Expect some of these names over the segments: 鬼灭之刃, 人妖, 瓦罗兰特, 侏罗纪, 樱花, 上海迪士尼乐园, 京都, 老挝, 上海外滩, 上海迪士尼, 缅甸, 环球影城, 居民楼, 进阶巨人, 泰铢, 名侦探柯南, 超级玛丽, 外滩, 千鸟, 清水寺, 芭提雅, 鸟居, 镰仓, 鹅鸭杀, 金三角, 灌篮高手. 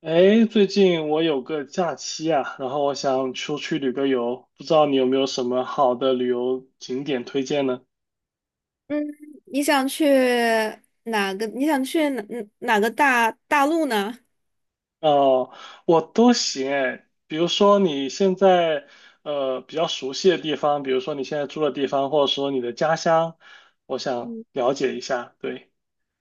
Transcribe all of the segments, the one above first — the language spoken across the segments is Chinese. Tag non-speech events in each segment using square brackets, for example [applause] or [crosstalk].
哎，最近我有个假期啊，然后我想出去旅个游，不知道你有没有什么好的旅游景点推荐呢？嗯，你想去哪个？你想去哪个大陆呢？哦，我都行哎，比如说你现在比较熟悉的地方，比如说你现在住的地方，或者说你的家乡，我想嗯了解一下。对。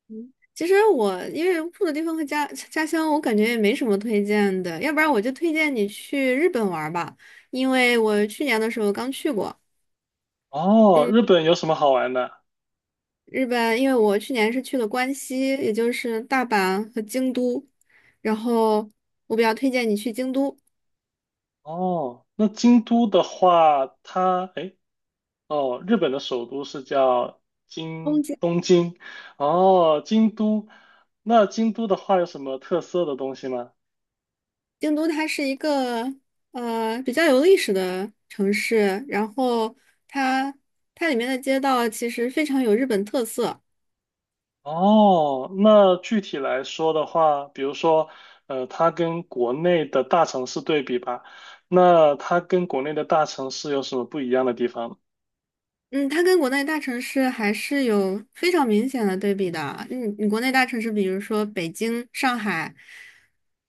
嗯其实我因为住的地方和家乡，我感觉也没什么推荐的，要不然我就推荐你去日本玩儿吧，因为我去年的时候刚去过。哦，嗯，日本有什么好玩的？日本，因为我去年是去了关西，也就是大阪和京都，然后我比较推荐你去京都。哦，那京都的话，它哎诶哦，日本的首都是叫东京京。东京，哦，京都，那京都的话有什么特色的东西吗？京都它是一个比较有历史的城市，然后它它里面的街道其实非常有日本特色。哦，那具体来说的话，比如说，它跟国内的大城市对比吧，那它跟国内的大城市有什么不一样的地方呢。嗯，它跟国内大城市还是有非常明显的对比的。你国内大城市，比如说北京、上海，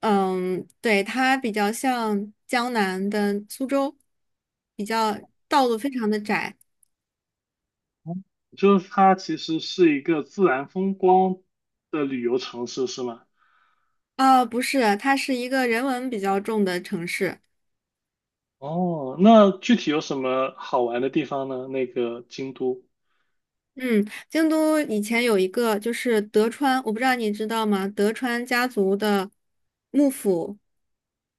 对，它比较像江南的苏州，比较道路非常的窄。就是它其实是一个自然风光的旅游城市，是吗？啊、不是，它是一个人文比较重的城市。哦，那具体有什么好玩的地方呢？那个京都。嗯，京都以前有一个就是德川，我不知道你知道吗？德川家族的幕府，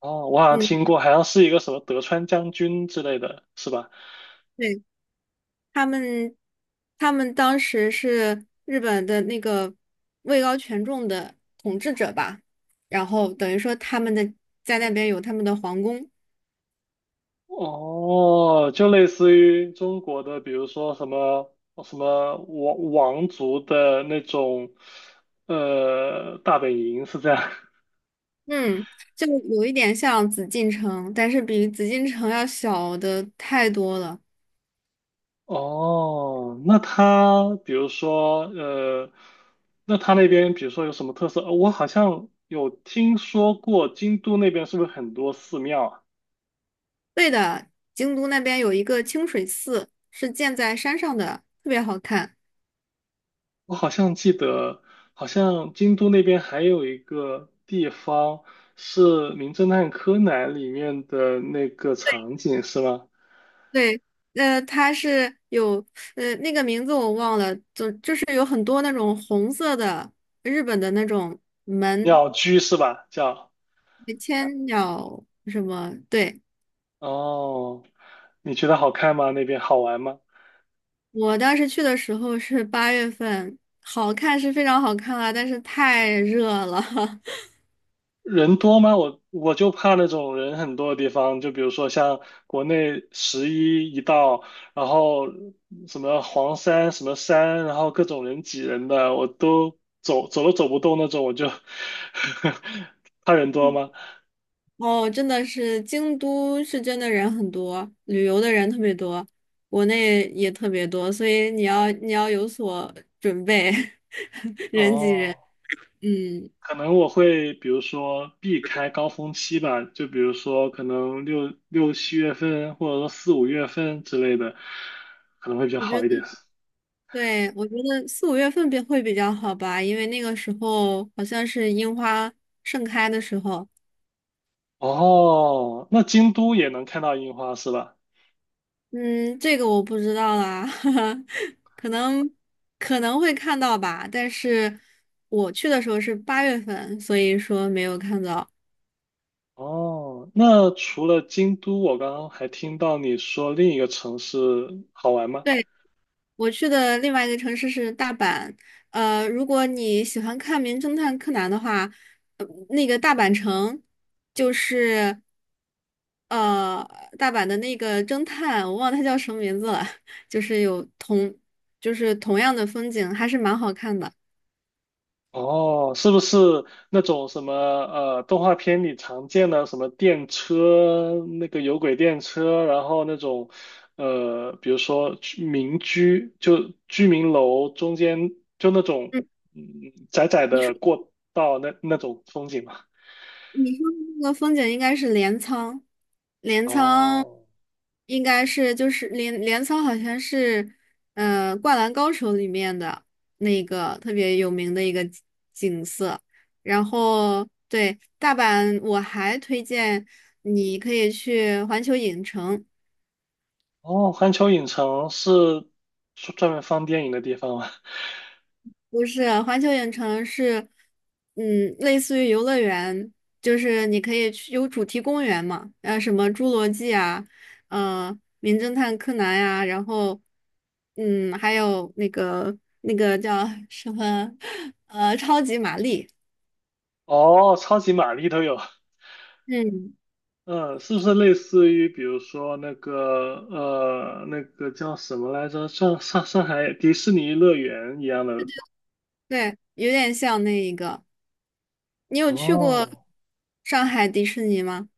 哦，我好像嗯，听过，好像是一个什么德川将军之类的，是吧？对，他们，他们当时是日本的那个位高权重的统治者吧，然后等于说他们的在那边有他们的皇宫，哦，就类似于中国的，比如说什么什么王族的那种，大本营是这样。嗯，就有一点像紫禁城，但是比紫禁城要小的太多了。哦，那他比如说，那边比如说有什么特色？我好像有听说过，京都那边是不是很多寺庙啊？对的，京都那边有一个清水寺，是建在山上的，特别好看。我好像记得，好像京都那边还有一个地方是《名侦探柯南》里面的那个场景，是吗？对，它是有那个名字我忘了，就是有很多那种红色的日本的那种门，鸟居是吧？叫。千鸟什么？对，哦，你觉得好看吗？那边好玩吗？我当时去的时候是八月份，好看是非常好看啊，但是太热了。[laughs] 人多吗？我就怕那种人很多的地方，就比如说像国内十一一到，然后什么黄山什么山，然后各种人挤人的，我都走都走不动那种，我就 [laughs] 怕人多吗？哦，真的是京都是真的人很多，旅游的人特别多，国内也特别多，所以你要有所准备，[laughs] 人挤人，哦，嗯。可能我会比如说避开高峰期吧，就比如说可能六七月份，或者说四五月份之类的，可能会比较我觉好一得。点。对，我觉得4、5月份会比较好吧，因为那个时候好像是樱花盛开的时候。哦，那京都也能看到樱花是吧？嗯，这个我不知道啦，[laughs] 可能可能会看到吧，但是我去的时候是八月份，所以说没有看到。哦，那除了京都，我刚刚还听到你说另一个城市好玩吗？对，我去的另外一个城市是大阪，如果你喜欢看《名侦探柯南》的话，那个大阪城。就是。呃，大阪的那个侦探，我忘了他叫什么名字了，[laughs] 就是有同，就是同样的风景，还是蛮好看的。哦，是不是那种什么动画片里常见的什么电车，那个有轨电车，然后那种呃，比如说居民居，就居民楼中间就那种嗯，嗯窄窄你说的过道那种风景嘛？你说的那个风景应该是镰仓。镰仓哦。应该是就是镰仓好像是《灌篮高手》里面的那个特别有名的一个景色。然后对大阪，我还推荐你可以去环球影城。哦，环球影城是专门放电影的地方吗？不是，环球影城是，类似于游乐园，就是你可以去有主题公园嘛，什么侏罗纪啊，名侦探柯南呀、然后，还有那个叫什么，[laughs] 超级玛丽，[laughs] 哦，超级玛丽都有。嗯，嗯，是不是类似于比如说那个那个叫什么来着？上海迪士尼乐园一样的？对，有点像那一个。你有去过哦，上海迪士尼吗？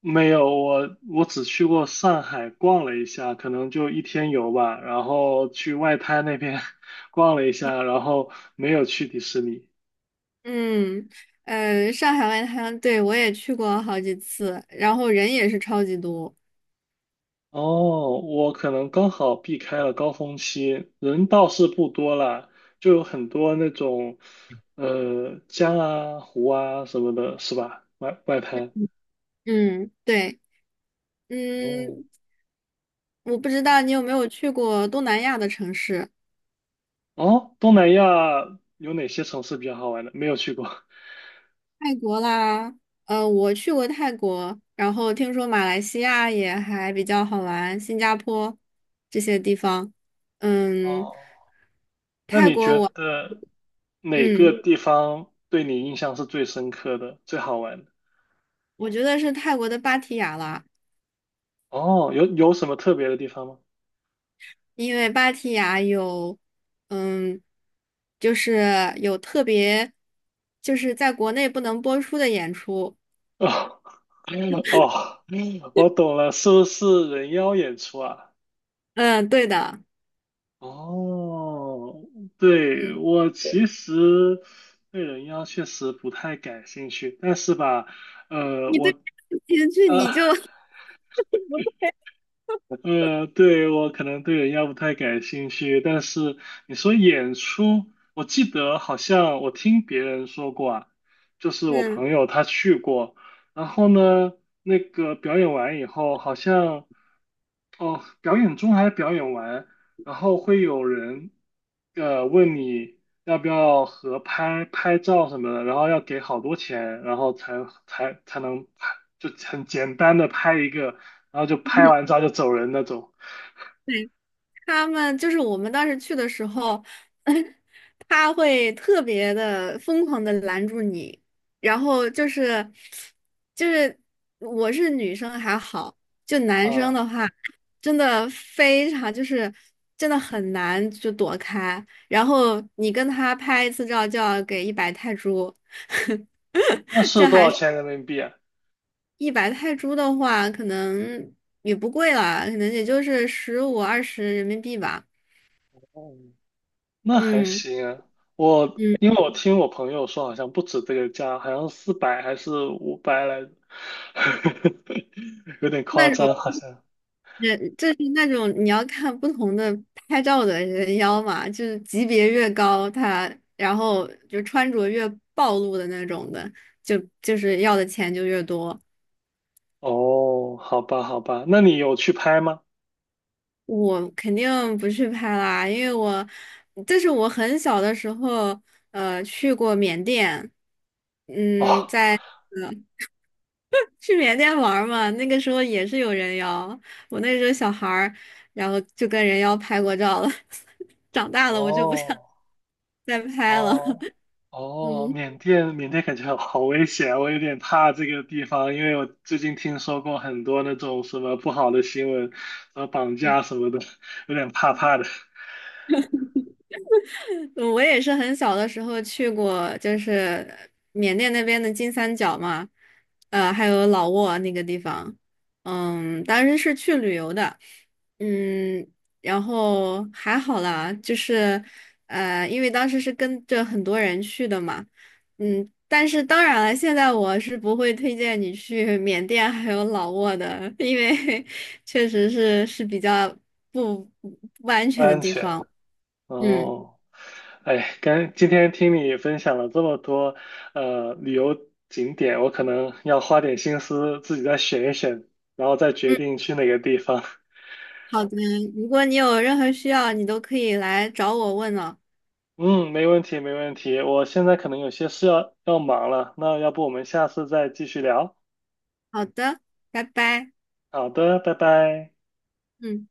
没有，我只去过上海逛了一下，可能就一天游吧，然后去外滩那边 [laughs] 逛了一下，然后没有去迪士尼。嗯，上海外滩，对，我也去过好几次，然后人也是超级多。哦，我可能刚好避开了高峰期，人倒是不多啦，就有很多那种，江啊、湖啊什么的，是吧？外滩。嗯，对，哦嗯，我不知道你有没有去过东南亚的城市，哦，东南亚有哪些城市比较好玩的？没有去过。[laughs] 泰国啦，我去过泰国，然后听说马来西亚也还比较好玩，新加坡这些地方，嗯，哦，那泰你国觉我，得哪个嗯，地方对你印象是最深刻的、最好玩的？我觉得是泰国的芭提雅啦，哦，有什么特别的地方吗？因为芭提雅有，嗯，就是有特别，就是在国内不能播出的演出，[laughs] 哦哦，我懂了，是不是人妖演出啊？嗯，对的。哦，对，嗯。我其实对人妖确实不太感兴趣，但是吧，呃，你我对你去呃你就对，我可能对人妖不太感兴趣，但是你说演出，我记得好像我听别人说过啊，就是我嗯 朋友他去过，然后呢，那个表演完以后，好像。哦，表演中还是表演完，然后会有人问你要不要合拍拍照什么的，然后要给好多钱，然后才能拍，就很简单的拍一个，然后就拍完照 [laughs] 就走人那种。对，他们就是我们当时去的时候，[laughs] 他会特别的疯狂的拦住你，然后就是我是女生还好，就男生哦，的话，真的非常就是真的很难就躲开，然后你跟他拍一次照就要给一百泰铢，[laughs] 那是多少钱人民币啊？一百泰铢的话，可能也不贵啦，可能也就是15、20人民币吧。哦，那还嗯行啊。我嗯，因为我听我朋友说，好像不止这个价，好像400还是500来着，[laughs] 有点夸那种张，好像。人就是那种你要看不同的拍照的人妖嘛，就是级别越高，他然后就穿着越暴露的那种的，就是要的钱就越多。哦，好吧，好吧，那你有去拍吗？我肯定不去拍啦，因为我这是我很小的时候去过缅甸，嗯，哦，在。呃去缅甸玩儿嘛，那个时候也是有人妖，我那时候小孩儿，然后就跟人妖拍过照了。[laughs] 长大了我就不想哦，再拍了。哦，[laughs] 哦，嗯。缅甸，缅甸感觉好危险，我有点怕这个地方，因为我最近听说过很多那种什么不好的新闻，什么绑架什么的，有点怕怕的，嗯我也是很小的时候去过，就是缅甸那边的金三角嘛，还有老挝那个地方，当时是去旅游的，嗯，然后还好啦，就是因为当时是跟着很多人去的嘛，但是当然了，现在我是不会推荐你去缅甸还有老挝的，因为 [laughs] 确实是比较不不安不全的安地全。方，嗯。哦，哎，刚今天听你分享了这么多旅游景点，我可能要花点心思自己再选一选，然后再决嗯定去哪个地方。好的，如果你有任何需要，你都可以来找我问哦。嗯，没问题，没问题。我现在可能有些事要忙了，那要不我们下次再继续聊？好的，拜拜。好的，拜拜。嗯。